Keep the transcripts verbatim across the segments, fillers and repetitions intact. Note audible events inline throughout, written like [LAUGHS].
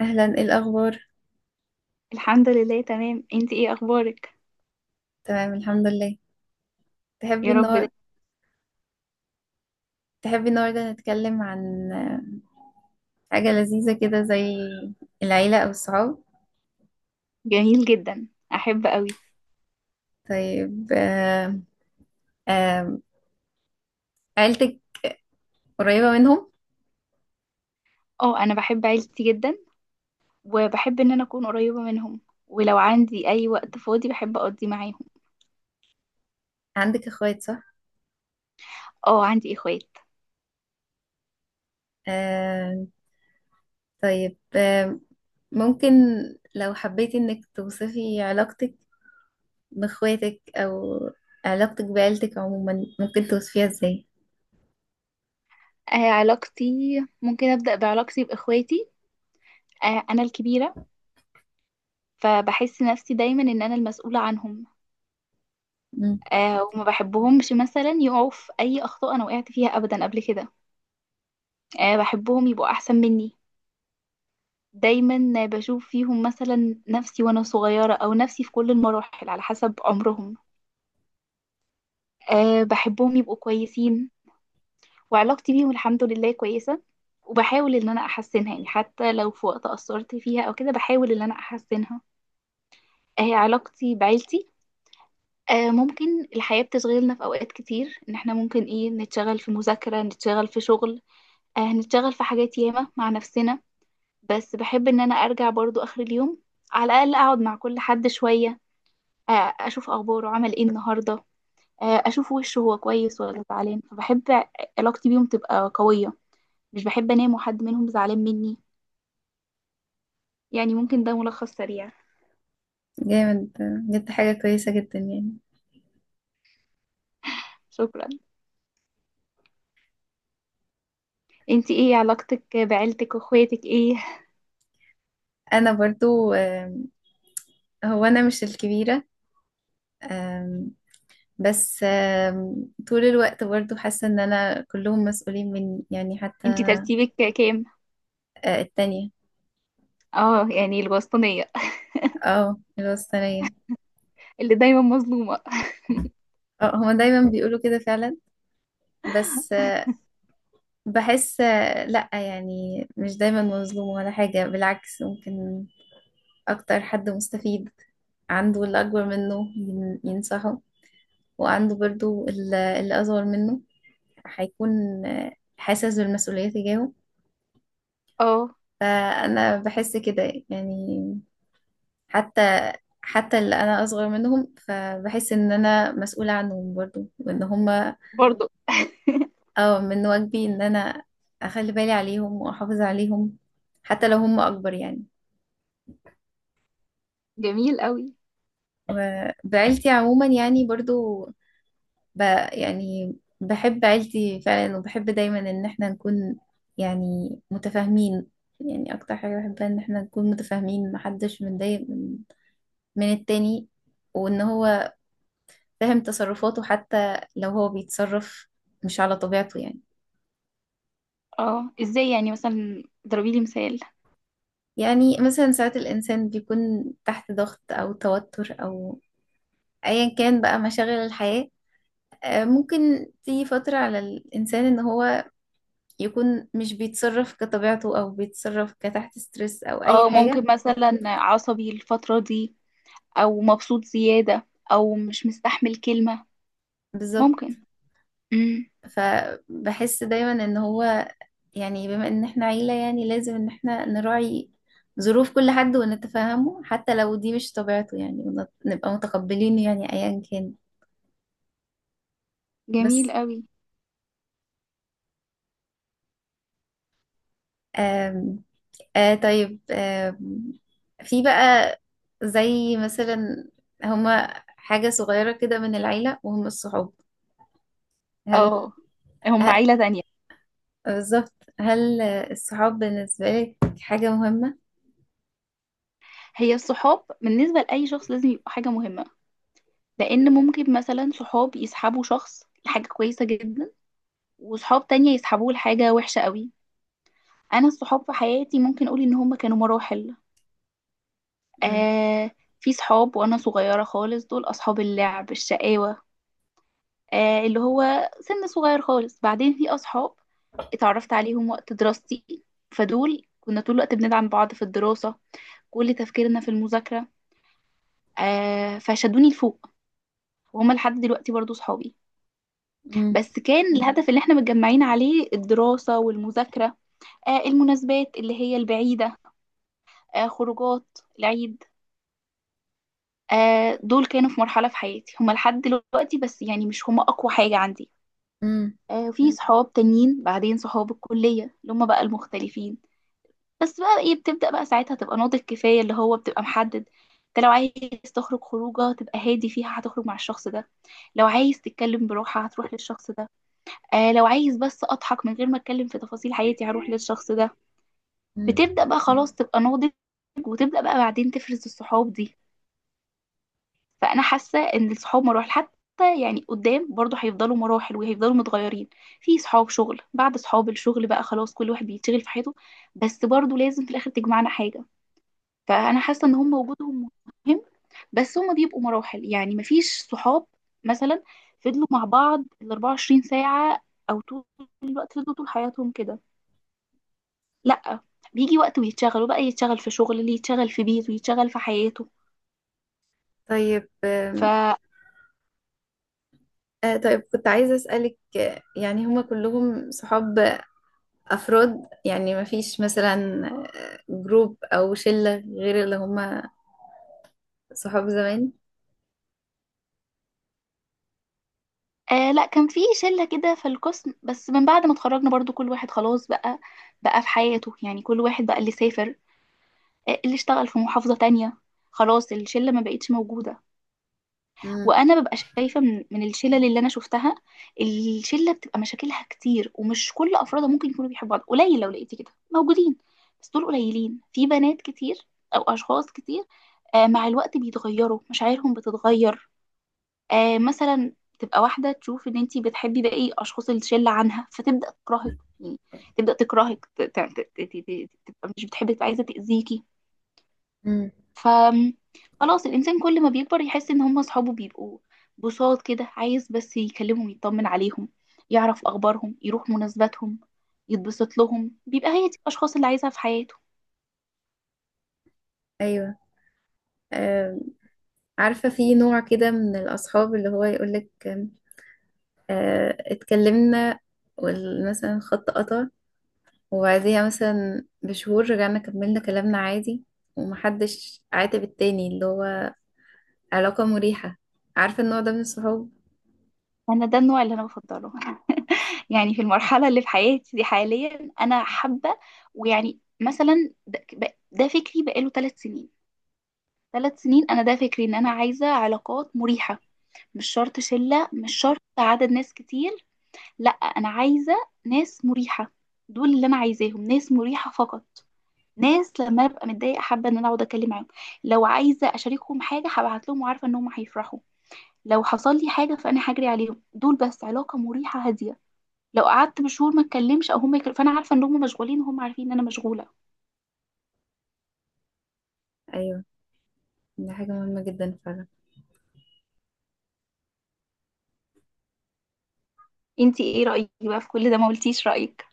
أهلا، إيه الأخبار؟ الحمد لله، تمام. انت ايه اخبارك؟ تمام، الحمد لله. تحبي يا رب. النهار ده تحبي النهاردة نتكلم عن آه، حاجة لذيذة كده، زي العيلة أو الصحاب. جميل جدا، احب قوي. طيب. آه، آه، عيلتك قريبة منهم؟ اه، انا بحب عيلتي جدا وبحب ان انا اكون قريبة منهم، ولو عندي اي وقت فاضي بحب اقضي معاهم. عندك أخوات، صح؟ اه، عندي اخوات. آه، طيب آه، ممكن لو حبيتي إنك توصفي علاقتك بإخواتك أو علاقتك بعيلتك عموما، ممكن توصفيها إزاي؟ آه علاقتي، ممكن ابدا بعلاقتي باخواتي. آه انا الكبيرة، فبحس نفسي دايما ان انا المسؤولة عنهم. مم. آه وما بحبهمش مثلا يقعوا في اي اخطاء انا وقعت فيها ابدا قبل كده. آه بحبهم يبقوا احسن مني. دايما بشوف فيهم مثلا نفسي وانا صغيرة، او نفسي في كل المراحل على حسب عمرهم. أه بحبهم يبقوا كويسين. وعلاقتي بيهم الحمد لله كويسة، وبحاول ان انا احسنها، يعني حتى لو في وقت قصرت فيها او كده بحاول ان انا احسنها. أه علاقتي بعيلتي، أه ممكن الحياة بتشغلنا في اوقات كتير، ان احنا ممكن ايه نتشغل في مذاكرة، نتشغل في شغل، أه نتشغل في حاجات ياما مع نفسنا. بس بحب ان انا ارجع برضو اخر اليوم، على الاقل اقعد مع كل حد شوية. آه، اشوف اخباره عمل ايه النهارده، آه، اشوف وشه هو كويس ولا زعلان، فبحب علاقتي بيهم تبقى قويه. مش بحب انام وحد منهم زعلان مني. يعني ممكن ده ملخص سريع. جامد، بجد حاجة كويسة جدا يعني. شكرا. انتي ايه علاقتك بعيلتك واخواتك ايه؟ أنا برضو آه، هو انا مش الكبيره، أم، بس أم، طول الوقت برضو حاسه ان انا كلهم مسؤولين مني يعني، حتى. انتي ترتيبك كام؟ أه، التانية. اه، يعني الوسطانيه. اه، الوسطانيه. اللي دايما مظلومه. اه، هما دايما بيقولوا كده فعلا. بس أه، بحس أه، لا، يعني مش دايما مظلوم ولا حاجه، بالعكس، ممكن اكتر حد مستفيد. عنده اللي اكبر منه ين- ينصحه، وعنده برضو ال- اللي اصغر منه هيكون أه، حاسس بالمسؤوليه تجاهه. اه. فأنا بحس كده يعني، حتى حتى اللي أنا أصغر منهم فبحس إن أنا مسؤولة عنهم برضو، وإن هما برضو. أو من واجبي إن أنا أخلي بالي عليهم وأحافظ عليهم، حتى لو هما أكبر يعني. جميل قوي. وبعيلتي عموما يعني برضو، ب، يعني بحب عيلتي فعلا، وبحب دايما إن احنا نكون يعني متفاهمين. يعني أكتر حاجة بحبها إن احنا نكون متفاهمين، محدش متضايق من من التاني، وان هو فاهم تصرفاته حتى لو هو بيتصرف مش على طبيعته يعني. اه، ازاي يعني؟ مثلا ضربي لي مثال. يعني مثلا ساعات الإنسان بيكون تحت ضغط أو توتر أو أيا كان بقى مشاغل الحياة، آه، ممكن تيجي فترة على الإنسان إن هو يكون مش بيتصرف كطبيعته، أو بيتصرف كتحت ستريس أو أي اه، ممكن حاجة. مثلا عصبي الفتره دي، او مبسوط زياده، او مش مستحمل كلمه. بالظبط. ممكن. امم. فبحس دايما إن هو يعني، بما ان احنا عيلة يعني لازم ان احنا نراعي ظروف كل حد ونتفاهمه، حتى لو دي مش طبيعته يعني، ونت- نبقى متقبلينه يعني ايا كان. جميل بس. قوي. آم آه طيب. آم في بقى، زي مثلا، هما حاجة صغيرة كده من العيلة وهم الصحاب. هل, اه، هم هل عيلة تانية. بالظبط. هل الصحاب بالنسبة لك حاجة مهمة؟ هي الصحاب بالنسبة لأي شخص لازم يبقوا حاجة مهمة، لأن ممكن مثلا صحاب يسحبوا شخص لحاجة كويسة جدا، وصحاب تانية يسحبوه لحاجة وحشة قوي. أنا الصحاب في حياتي ممكن أقول إن هم كانوا مراحل. مم. آه في صحاب وأنا صغيرة خالص، دول أصحاب اللعب الشقاوة. آه اللي هو سن صغير خالص، بعدين في أصحاب اتعرفت عليهم وقت دراستي، فدول كنا طول الوقت بندعم بعض في الدراسة، كل تفكيرنا في المذاكرة. آه فشدوني لفوق، وهما لحد دلوقتي برضو صحابي. مم. بس كان الهدف اللي احنا متجمعين عليه الدراسة والمذاكرة، آه المناسبات اللي هي البعيدة، آه خروجات العيد، آه دول كانوا في مرحلة في حياتي هما لحد دلوقتي، بس يعني مش هما أقوى حاجة عندي. مم. آه في صحاب تانيين، بعدين صحاب الكلية اللي هما بقى المختلفين. بس بقى ايه، بتبدأ بقى ساعتها تبقى ناضج كفاية، اللي هو بتبقى محدد. انت لو عايز تخرج خروجه تبقى هادي فيها هتخرج مع الشخص ده، لو عايز تتكلم براحة هتروح للشخص ده، آه لو عايز بس اضحك من غير ما اتكلم في تفاصيل حياتي هروح للشخص ده. مم. بتبدأ بقى خلاص تبقى ناضج، وتبدأ بقى بعدين تفرز الصحاب دي. فانا حاسة ان الصحاب مراحل، حتى يعني قدام برضه هيفضلوا مراحل وهيفضلوا متغيرين. في صحاب شغل، بعد صحاب الشغل بقى خلاص كل واحد بيتشغل في حياته. بس برضه لازم في الاخر تجمعنا حاجة. فانا حاسه ان هم وجودهم مهم، بس هم بيبقوا مراحل. يعني مفيش صحاب مثلا فضلوا مع بعض ال أربعة وعشرين ساعة ساعه، او طول الوقت فضلوا طول حياتهم كده. لا، بيجي وقت ويتشغلوا بقى، يتشغل في شغل، اللي يتشغل في بيته، يتشغل في حياته. طيب، ف آم، آه طيب، كنت عايزة أسألك آه، يعني هما كلهم صحاب أفراد، يعني ما فيش مثلا آه، جروب أو شلة غير اللي هما صحاب زمان. آه لا، كان في شله كده في القسم، بس من بعد ما اتخرجنا برضو كل واحد خلاص بقى بقى في حياته، يعني كل واحد بقى اللي سافر، آه، اللي اشتغل في محافظه تانية، خلاص الشله ما بقتش موجوده. امم. وانا ببقى شايفه من من الشلل اللي انا شفتها، الشله بتبقى مشاكلها كتير ومش كل افرادها ممكن يكونوا بيحبوا بعض، قليل لو لقيتي كده موجودين، بس دول قليلين في بنات كتير او اشخاص كتير. آه مع الوقت بيتغيروا، مشاعرهم بتتغير، آه مثلا تبقى واحده تشوف ان انتي بتحبي باقي اشخاص الشله عنها فتبدا تكرهك، يعني تبدا تكرهك، ت- ت- ت- ت- ت- تبقى مش بتحبك عايزه تاذيكي. امم. ف خلاص الإنسان كل ما بيكبر يحس إن هم أصحابه بيبقوا بساط كده، عايز بس يكلمهم يطمن عليهم، يعرف أخبارهم، يروح مناسباتهم، يتبسط لهم، بيبقى هي دي الأشخاص اللي عايزها في حياته. أيوة. آه عارفة في نوع كده من الأصحاب، اللي هو يقولك آه اتكلمنا مثلا، خط قطع، وبعديها مثلا بشهور رجعنا كملنا كلامنا عادي، ومحدش عاتب التاني، اللي هو علاقة مريحة. عارفة النوع ده من الصحاب؟ أنا ده النوع اللي أنا بفضله. [LAUGHS] يعني في المرحلة اللي في حياتي دي حاليا أنا حابة، ويعني مثلا ده, ده فكري بقاله ثلاث سنين. ثلاث سنين أنا ده فكري إن أنا عايزة علاقات مريحة. مش شرط شلة، مش شرط عدد ناس كتير. لا، انا عايزه ناس مريحه. دول اللي انا عايزاهم، ناس مريحه فقط. ناس لما ابقى متضايقه حابه ان انا اقعد اتكلم معاهم، لو عايزه اشاركهم حاجه هبعت لهم وعارفه ان هم هيفرحوا، لو حصل لي حاجه فانا هجري عليهم. دول بس علاقه مريحه هاديه، لو قعدت بشهور ما اتكلمش او هم يكلم فانا عارفه ان هم مشغولين وهم عارفين ان انا مشغوله. أيوة، دي حاجة مهمة جدا فعلا. انتي ايه رايك بقى في كل ده؟ ما قلتيش رايك.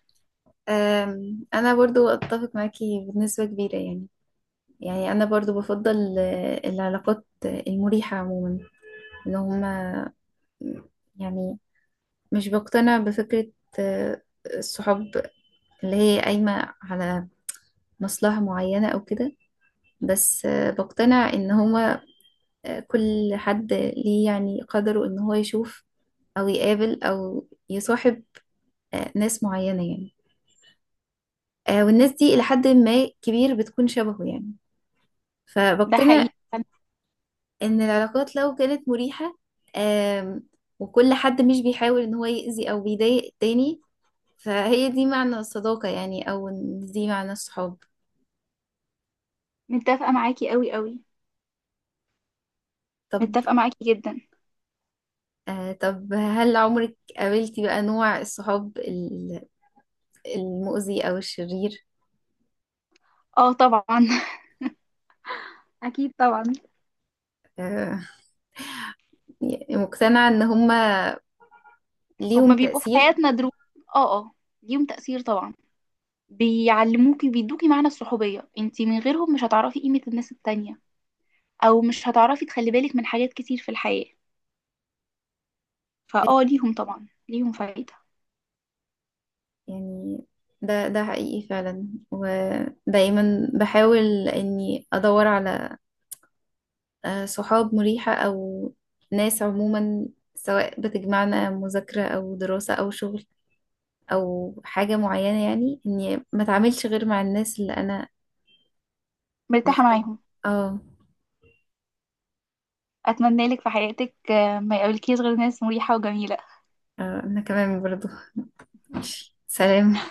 أم، أنا برضو أتفق معاكي بنسبة كبيرة يعني. يعني أنا برضو بفضل آه، العلاقات آه، المريحة عموما. إن هما يعني مش بقتنع بفكرة آه، الصحاب اللي هي قايمة على مصلحة معينة أو كده. بس آه، بقتنع إن هما آه، كل حد ليه يعني قدره إن هو يشوف أو يقابل أو يصاحب آه، ناس معينة يعني. آه، والناس دي إلى حد ما كبير بتكون شبهه يعني. ده حقيقي. فبقتنع ان العلاقات لو كانت مريحة، آم، وكل حد مش بيحاول ان هو يأذي او بيضايق التاني، فهي دي معنى الصداقة يعني، او إن دي معنى الصحاب. متفقه معاكي قوي قوي. طب. متفقه معاكي جدا. آه طب، هل عمرك قابلتي بقى نوع الصحاب ال- المؤذي او الشرير؟ اه، طبعا. [LAUGHS] اكيد طبعا. آه يعني مقتنعة ان هما ليهم هما بيبقوا في تأثير. حياتنا دروس. اه، اه. ليهم تأثير طبعا. بيعلموكي، بيدوكي معنى الصحوبية، انتي من غيرهم مش هتعرفي قيمة الناس التانية، او مش هتعرفي تخلي بالك من حاجات كتير في الحياة. فاه، ليهم طبعا، ليهم فايدة. يعني ده ده حقيقي فعلا، ودايما بحاول اني ادور على آه، صحاب مريحة أو ناس عموما، سواء بتجمعنا مذاكرة أو دراسة أو شغل أو حاجة معينة، يعني إني ما أتعاملش غير مع الناس اللي أنا مرتاحة مرتاحة. معاهم. اه. اتمنى لك في حياتك آه، ما يقابلكيش غير ناس مريحة وجميلة. آه، أنا كمان برضو. [LAUGHS] سلام.